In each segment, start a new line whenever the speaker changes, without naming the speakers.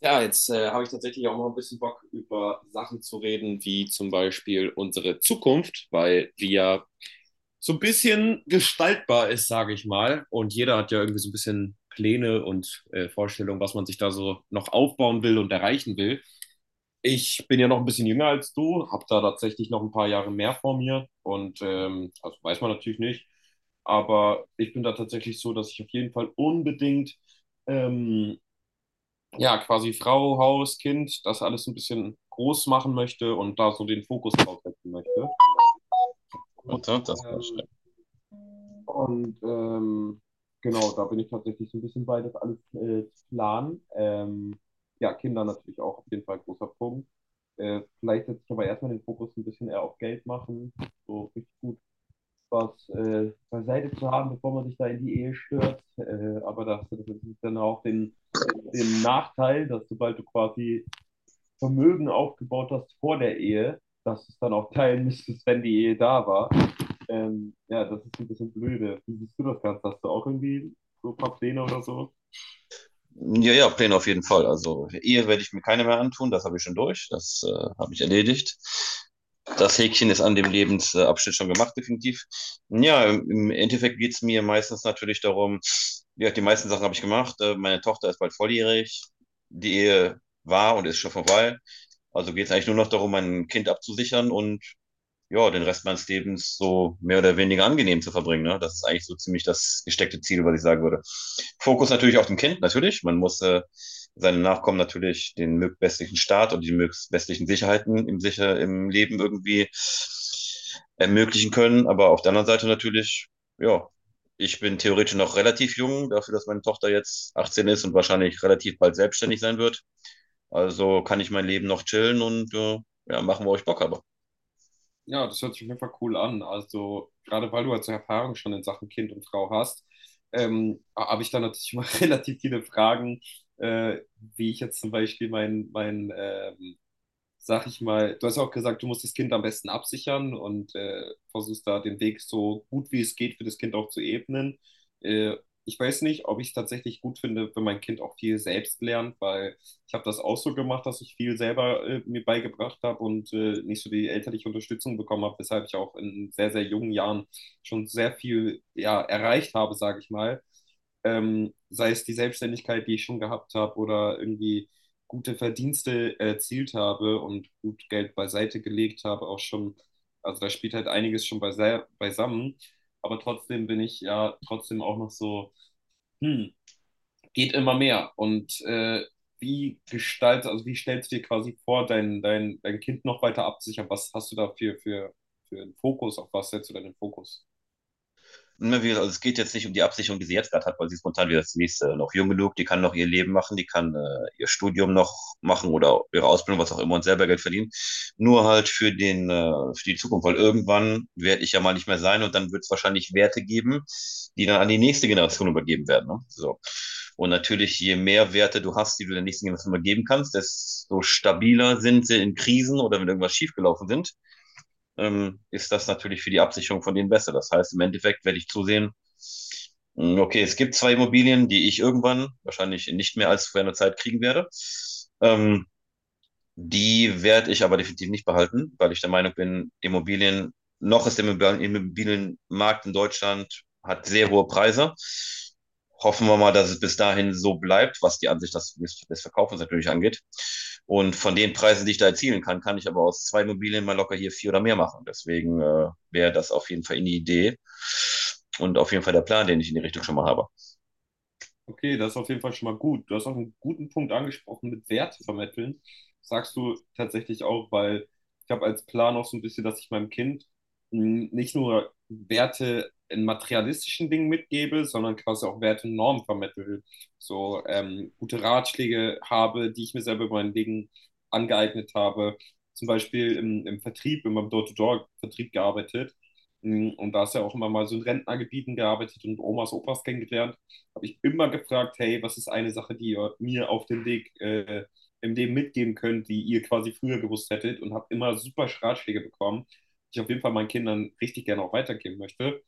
Ja, jetzt habe ich tatsächlich auch mal ein bisschen Bock, über Sachen zu reden, wie zum Beispiel unsere Zukunft, weil die ja so ein bisschen gestaltbar ist, sage ich mal. Und jeder hat ja irgendwie so ein bisschen Pläne und Vorstellungen, was man sich da so noch aufbauen will und erreichen will. Ich bin ja noch ein bisschen jünger als du, habe da tatsächlich noch ein paar Jahre mehr vor mir und also weiß man natürlich nicht. Aber ich bin da tatsächlich so, dass ich auf jeden Fall unbedingt ähm, ja, quasi Frau, Haus, Kind, das alles ein bisschen groß machen möchte und da so den Fokus drauf setzen möchte.
Und
Und,
so, das war
ähm,
schön.
und ähm, genau, da bin ich tatsächlich so ein bisschen bei, das alles zu planen. Ja, Kinder natürlich auch auf jeden Fall ein großer Punkt. Vielleicht setze ich aber erstmal den Fokus ein bisschen eher auf Geld machen, so richtig gut was beiseite zu haben, bevor man sich da in die Ehe stürzt. Aber das hast du dann auch den Nachteil, dass sobald du quasi Vermögen aufgebaut hast vor der Ehe, dass es dann auch teilen müsstest, wenn die Ehe da war. Ja, das ist ein bisschen blöde. Wie siehst du das Ganze? Hast du auch irgendwie so ein paar Pläne oder so?
Ja, ja, Pläne auf jeden Fall. Also Ehe werde ich mir keine mehr antun, das habe ich schon durch, das habe ich erledigt. Das Häkchen ist an dem Lebensabschnitt schon gemacht, definitiv. Ja, im Endeffekt geht es mir meistens natürlich darum, ja, die meisten Sachen habe ich gemacht. Meine Tochter ist bald volljährig, die Ehe war und ist schon vorbei. Also geht es eigentlich nur noch darum, mein Kind abzusichern und ja, den Rest meines Lebens so mehr oder weniger angenehm zu verbringen. Ne? Das ist eigentlich so ziemlich das gesteckte Ziel, was ich sagen würde. Fokus natürlich auf dem Kind, natürlich. Man muss seinen Nachkommen natürlich den bestmöglichen Start und die bestmöglichen Sicherheiten im, sicher, im Leben irgendwie ermöglichen können. Aber auf der anderen Seite natürlich, ja, ich bin theoretisch noch relativ jung, dafür, dass meine Tochter jetzt 18 ist und wahrscheinlich relativ bald selbstständig sein wird. Also kann ich mein Leben noch chillen und ja, machen, wo ich Bock habe.
Ja, das hört sich auf jeden Fall cool an. Also, gerade weil du also Erfahrung schon in Sachen Kind und Frau hast, habe ich da natürlich immer relativ viele Fragen, äh, wie ich jetzt zum Beispiel mein sag ich mal, du hast ja auch gesagt, du musst das Kind am besten absichern und versuchst da den Weg so gut wie es geht für das Kind auch zu ebnen. Äh, Ich weiß nicht, ob ich es tatsächlich gut finde, wenn mein Kind auch viel selbst lernt, weil ich habe das auch so gemacht, dass ich viel selber mir beigebracht habe und nicht so die elterliche Unterstützung bekommen habe, weshalb ich auch in sehr, sehr jungen Jahren schon sehr viel ja, erreicht habe, sage ich mal. Sei es die Selbstständigkeit, die ich schon gehabt habe oder irgendwie gute Verdienste erzielt habe und gut Geld beiseite gelegt habe, auch schon, also da spielt halt einiges schon beisammen, aber trotzdem bin ich ja trotzdem auch noch so, hm, geht immer mehr und also wie stellst du dir quasi vor, dein Kind noch weiter abzusichern? Was hast du da für einen Fokus? Auf was setzt du deinen Fokus?
Also es geht jetzt nicht um die Absicherung, die sie jetzt gerade hat, weil sie ist momentan wieder das nächste noch jung genug, die kann noch ihr Leben machen, die kann ihr Studium noch machen oder ihre Ausbildung, was auch immer, und selber Geld verdienen. Nur halt für die Zukunft, weil irgendwann werde ich ja mal nicht mehr sein und dann wird es wahrscheinlich Werte geben, die dann an die nächste Generation übergeben werden. Ne? So. Und natürlich, je mehr Werte du hast, die du der nächsten Generation übergeben kannst, desto stabiler sind sie in Krisen oder wenn irgendwas schiefgelaufen sind, ist das natürlich für die Absicherung von denen besser. Das heißt, im Endeffekt werde ich zusehen, okay, es gibt zwei Immobilien, die ich irgendwann wahrscheinlich nicht mehr als vor einer Zeit kriegen werde. Ähm, Die werde ich aber definitiv nicht behalten, weil ich der Meinung bin, Immobilien, noch ist der Immobilienmarkt in Deutschland, hat sehr hohe Preise. Hoffen wir mal, dass es bis dahin so bleibt, was die Ansicht des, des Verkaufens natürlich angeht. Und von den Preisen, die ich da erzielen kann, kann ich aber aus zwei Immobilien mal locker hier vier oder mehr machen. Deswegen wäre das auf jeden Fall eine Idee und auf jeden Fall der Plan, den ich in die Richtung schon mal habe.
Okay, das ist auf jeden Fall schon mal gut. Du hast auch einen guten Punkt angesprochen mit Wert vermitteln. Sagst du tatsächlich auch, weil ich habe als Plan auch so ein bisschen, dass ich meinem Kind mh, nicht nur Werte in materialistischen Dingen mitgebe, sondern quasi auch Werte und Normen vermittle. So gute Ratschläge habe, die ich mir selber über mein Leben angeeignet habe. Zum Beispiel im Vertrieb, in meinem Door-to-Door-Vertrieb gearbeitet. Mh, und da ist ja auch immer mal so in Rentnergebieten gearbeitet und Omas, Opas kennengelernt habe ich immer gefragt, hey, was ist eine Sache, die ihr mir auf dem Weg im Leben mitgeben könnt, die ihr quasi früher gewusst hättet und habe immer super Ratschläge bekommen, die ich auf jeden Fall meinen Kindern richtig gerne auch weitergeben möchte.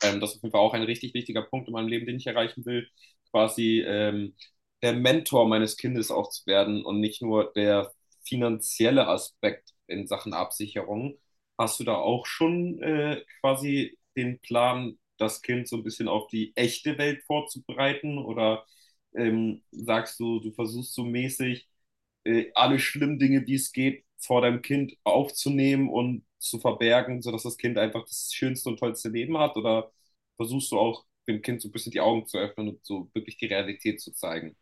Das ist auf jeden Fall auch ein richtig wichtiger Punkt in meinem Leben, den ich erreichen will, quasi der Mentor meines Kindes auch zu werden und nicht nur der finanzielle Aspekt in Sachen Absicherung. Hast du da auch schon quasi den Plan, das Kind so ein bisschen auf die echte Welt vorzubereiten? Oder sagst du, du versuchst so mäßig alle schlimmen Dinge, die es geht, vor deinem Kind aufzunehmen und zu verbergen, sodass das Kind einfach das schönste und tollste Leben hat? Oder versuchst du auch dem Kind so ein bisschen die Augen zu öffnen und so wirklich die Realität zu zeigen.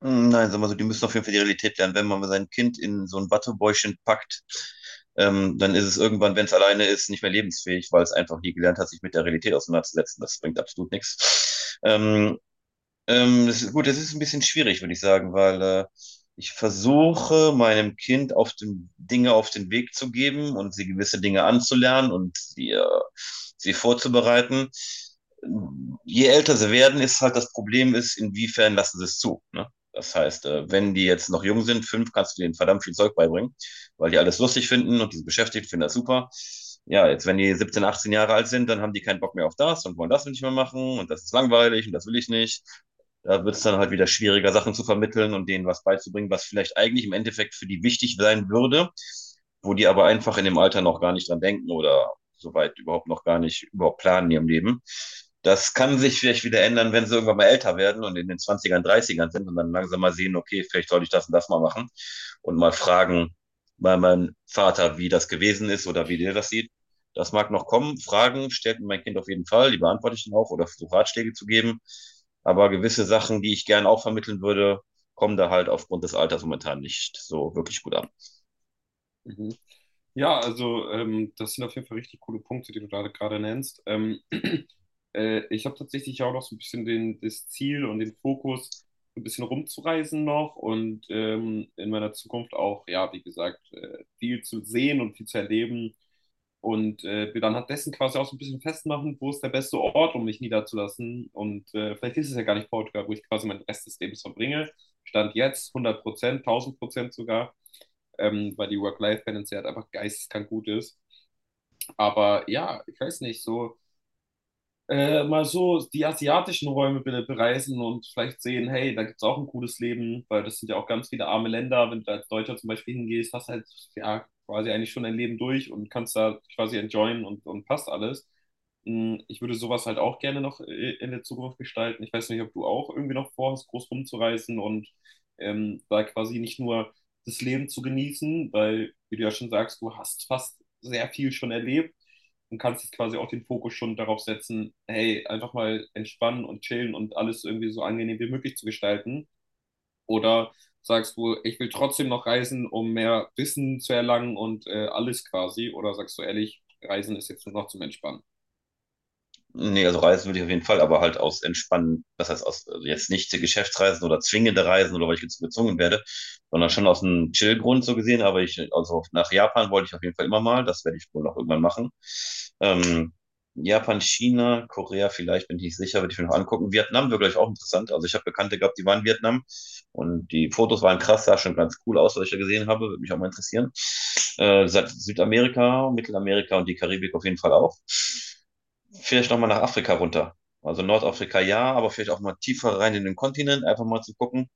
Nein, sagen wir so, die müssen auf jeden Fall die Realität lernen. Wenn man sein Kind in so ein Wattebäuschen packt, dann ist es irgendwann, wenn es alleine ist, nicht mehr lebensfähig, weil es einfach nie gelernt hat, sich mit der Realität auseinanderzusetzen. Das bringt absolut nichts. Das ist, gut, das ist ein bisschen schwierig, würde ich sagen, weil ich versuche, meinem Kind auf den, Dinge auf den Weg zu geben und sie gewisse Dinge anzulernen und sie vorzubereiten. Je älter sie werden, ist halt das Problem ist, inwiefern lassen sie es zu, ne? Das heißt, wenn die jetzt noch jung sind, 5, kannst du denen verdammt viel Zeug beibringen, weil die alles lustig finden und die sind beschäftigt, finden das super. Ja, jetzt wenn die 17, 18 Jahre alt sind, dann haben die keinen Bock mehr auf das und wollen das nicht mehr machen und das ist langweilig und das will ich nicht. Da wird es dann halt wieder schwieriger, Sachen zu vermitteln und denen was beizubringen, was vielleicht eigentlich im Endeffekt für die wichtig sein würde, wo die aber einfach in dem Alter noch gar nicht dran denken oder soweit überhaupt noch gar nicht überhaupt planen in ihrem Leben. Das kann sich vielleicht wieder ändern, wenn sie irgendwann mal älter werden und in den Zwanzigern Dreißigern sind und dann langsam mal sehen, okay, vielleicht soll ich das und das mal machen und mal fragen bei meinem Vater, wie das gewesen ist oder wie der das sieht. Das mag noch kommen. Fragen stellt mir mein Kind auf jeden Fall, die beantworte ich dann auch oder versuche Ratschläge zu geben. Aber gewisse Sachen, die ich gerne auch vermitteln würde, kommen da halt aufgrund des Alters momentan nicht so wirklich gut an.
Mhm. Ja, also das sind auf jeden Fall richtig coole Punkte, die du da gerade nennst. Ich habe tatsächlich auch noch so ein bisschen das Ziel und den Fokus, so ein bisschen rumzureisen noch und in meiner Zukunft auch, ja, wie gesagt, viel zu sehen und viel zu erleben. Und wir dann hat dessen quasi auch so ein bisschen festmachen, wo ist der beste Ort, um mich niederzulassen. Und vielleicht ist es ja gar nicht Portugal, wo ich quasi meinen Rest des Lebens verbringe. Stand jetzt 100%, 1000% sogar, weil die Work-Life-Balance ja halt einfach geisteskrank gut ist. Aber ja, ich weiß nicht, so mal so die asiatischen Räume bitte bereisen und vielleicht sehen, hey, da gibt es auch ein cooles Leben, weil das sind ja auch ganz viele arme Länder. Wenn du als Deutscher zum Beispiel hingehst, hast halt ja quasi eigentlich schon dein Leben durch und kannst da quasi enjoyen und passt alles. Mm, ich würde sowas halt auch gerne noch in der Zukunft gestalten. Ich weiß nicht, ob du auch irgendwie noch vorhast, groß rumzureisen und da quasi nicht nur das Leben zu genießen, weil, wie du ja schon sagst, du hast fast sehr viel schon erlebt und kannst jetzt quasi auch den Fokus schon darauf setzen, hey, einfach mal entspannen und chillen und alles irgendwie so angenehm wie möglich zu gestalten. Oder sagst du, ich will trotzdem noch reisen, um mehr Wissen zu erlangen und alles quasi? Oder sagst du ehrlich, Reisen ist jetzt nur noch zum Entspannen?
Nee, also reisen würde ich auf jeden Fall, aber halt aus entspannen, das heißt aus also jetzt nicht Geschäftsreisen oder zwingende Reisen oder weil ich jetzt so gezwungen werde, sondern schon aus einem Chill-Grund so gesehen. Aber ich, also nach Japan wollte ich auf jeden Fall immer mal, das werde ich wohl noch irgendwann machen. Ähm, Japan, China, Korea vielleicht, bin ich nicht sicher, würde ich mir noch angucken. Vietnam wäre gleich auch interessant. Also ich habe Bekannte gehabt, die waren in Vietnam und die Fotos waren krass, sah schon ganz cool aus, was ich da gesehen habe, würde mich auch mal interessieren. Südamerika, Mittelamerika und die Karibik auf jeden Fall auch. Vielleicht nochmal nach Afrika runter. Also Nordafrika ja, aber vielleicht auch mal tiefer rein in den Kontinent, einfach mal zu gucken.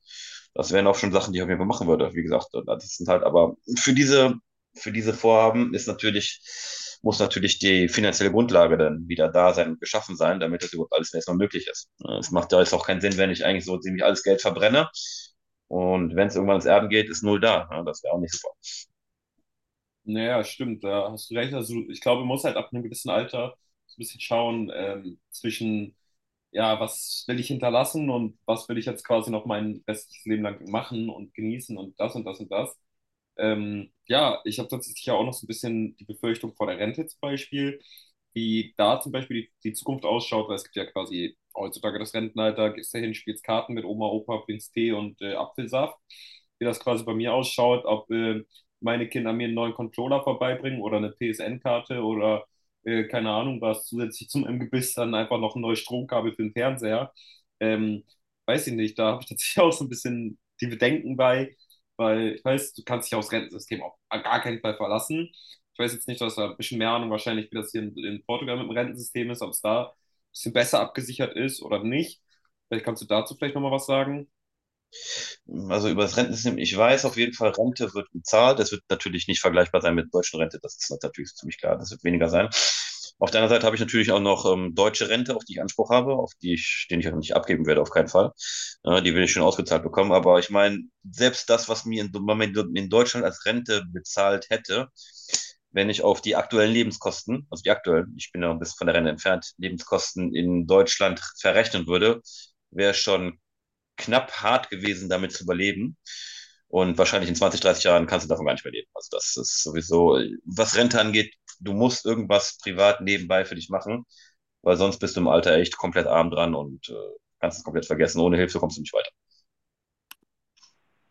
Das wären auch schon Sachen, die ich auf jeden Fall machen würde. Wie gesagt, das sind halt aber für diese Vorhaben ist natürlich, muss natürlich die finanzielle Grundlage dann wieder da sein und geschaffen sein, damit das überhaupt alles erstmal möglich ist. Es macht ja jetzt auch keinen Sinn, wenn ich eigentlich so ziemlich alles Geld verbrenne. Und wenn es irgendwann ins Erden geht, ist null da. Ja, das wäre auch nicht so.
Naja, stimmt, da hast du recht. Also ich glaube, man muss halt ab einem gewissen Alter so ein bisschen schauen zwischen, ja, was will ich hinterlassen und was will ich jetzt quasi noch mein restliches Leben lang machen und genießen und das und das und das. Ja, ich habe tatsächlich ja auch noch so ein bisschen die Befürchtung vor der Rente zum Beispiel, wie da zum Beispiel die Zukunft ausschaut, weil es gibt ja quasi heutzutage das Rentenalter, gehst dahin, spielst Karten mit Oma, Opa, trinkst Tee und Apfelsaft. Wie das quasi bei mir ausschaut, ob meine Kinder mir einen neuen Controller vorbeibringen oder eine PSN-Karte oder keine Ahnung was, zusätzlich zum Imbiss dann einfach noch ein neues Stromkabel für den Fernseher. Ähm, Weiß ich nicht, da habe ich tatsächlich auch so ein bisschen die Bedenken bei, weil ich weiß, du kannst dich aufs Rentensystem auf gar keinen Fall verlassen. Ich weiß jetzt nicht, dass da ein bisschen mehr Ahnung wahrscheinlich, wie das hier in Portugal mit dem Rentensystem ist, ob es da ein bisschen besser abgesichert ist oder nicht. Vielleicht kannst du dazu vielleicht nochmal was sagen.
Also über das Rentensystem, ich weiß auf jeden Fall, Rente wird gezahlt. Das wird natürlich nicht vergleichbar sein mit der deutschen Rente. Das ist natürlich ziemlich klar. Das wird weniger sein. Auf der anderen Seite habe ich natürlich auch noch deutsche Rente, auf die ich Anspruch habe, auf die ich, den ich auch nicht abgeben werde, auf keinen Fall. Die will ich schon ausgezahlt bekommen. Aber ich meine, selbst das, was mir in Deutschland als Rente bezahlt hätte, wenn ich auf die aktuellen Lebenskosten, also die aktuellen, ich bin ja ein bisschen von der Rente entfernt, Lebenskosten in Deutschland verrechnen würde, wäre schon knapp hart gewesen, damit zu überleben. Und wahrscheinlich in 20, 30 Jahren kannst du davon gar nicht mehr leben. Also das ist sowieso, was Rente angeht, du musst irgendwas privat nebenbei für dich machen, weil sonst bist du im Alter echt komplett arm dran und kannst es komplett vergessen. Ohne Hilfe kommst du nicht weiter.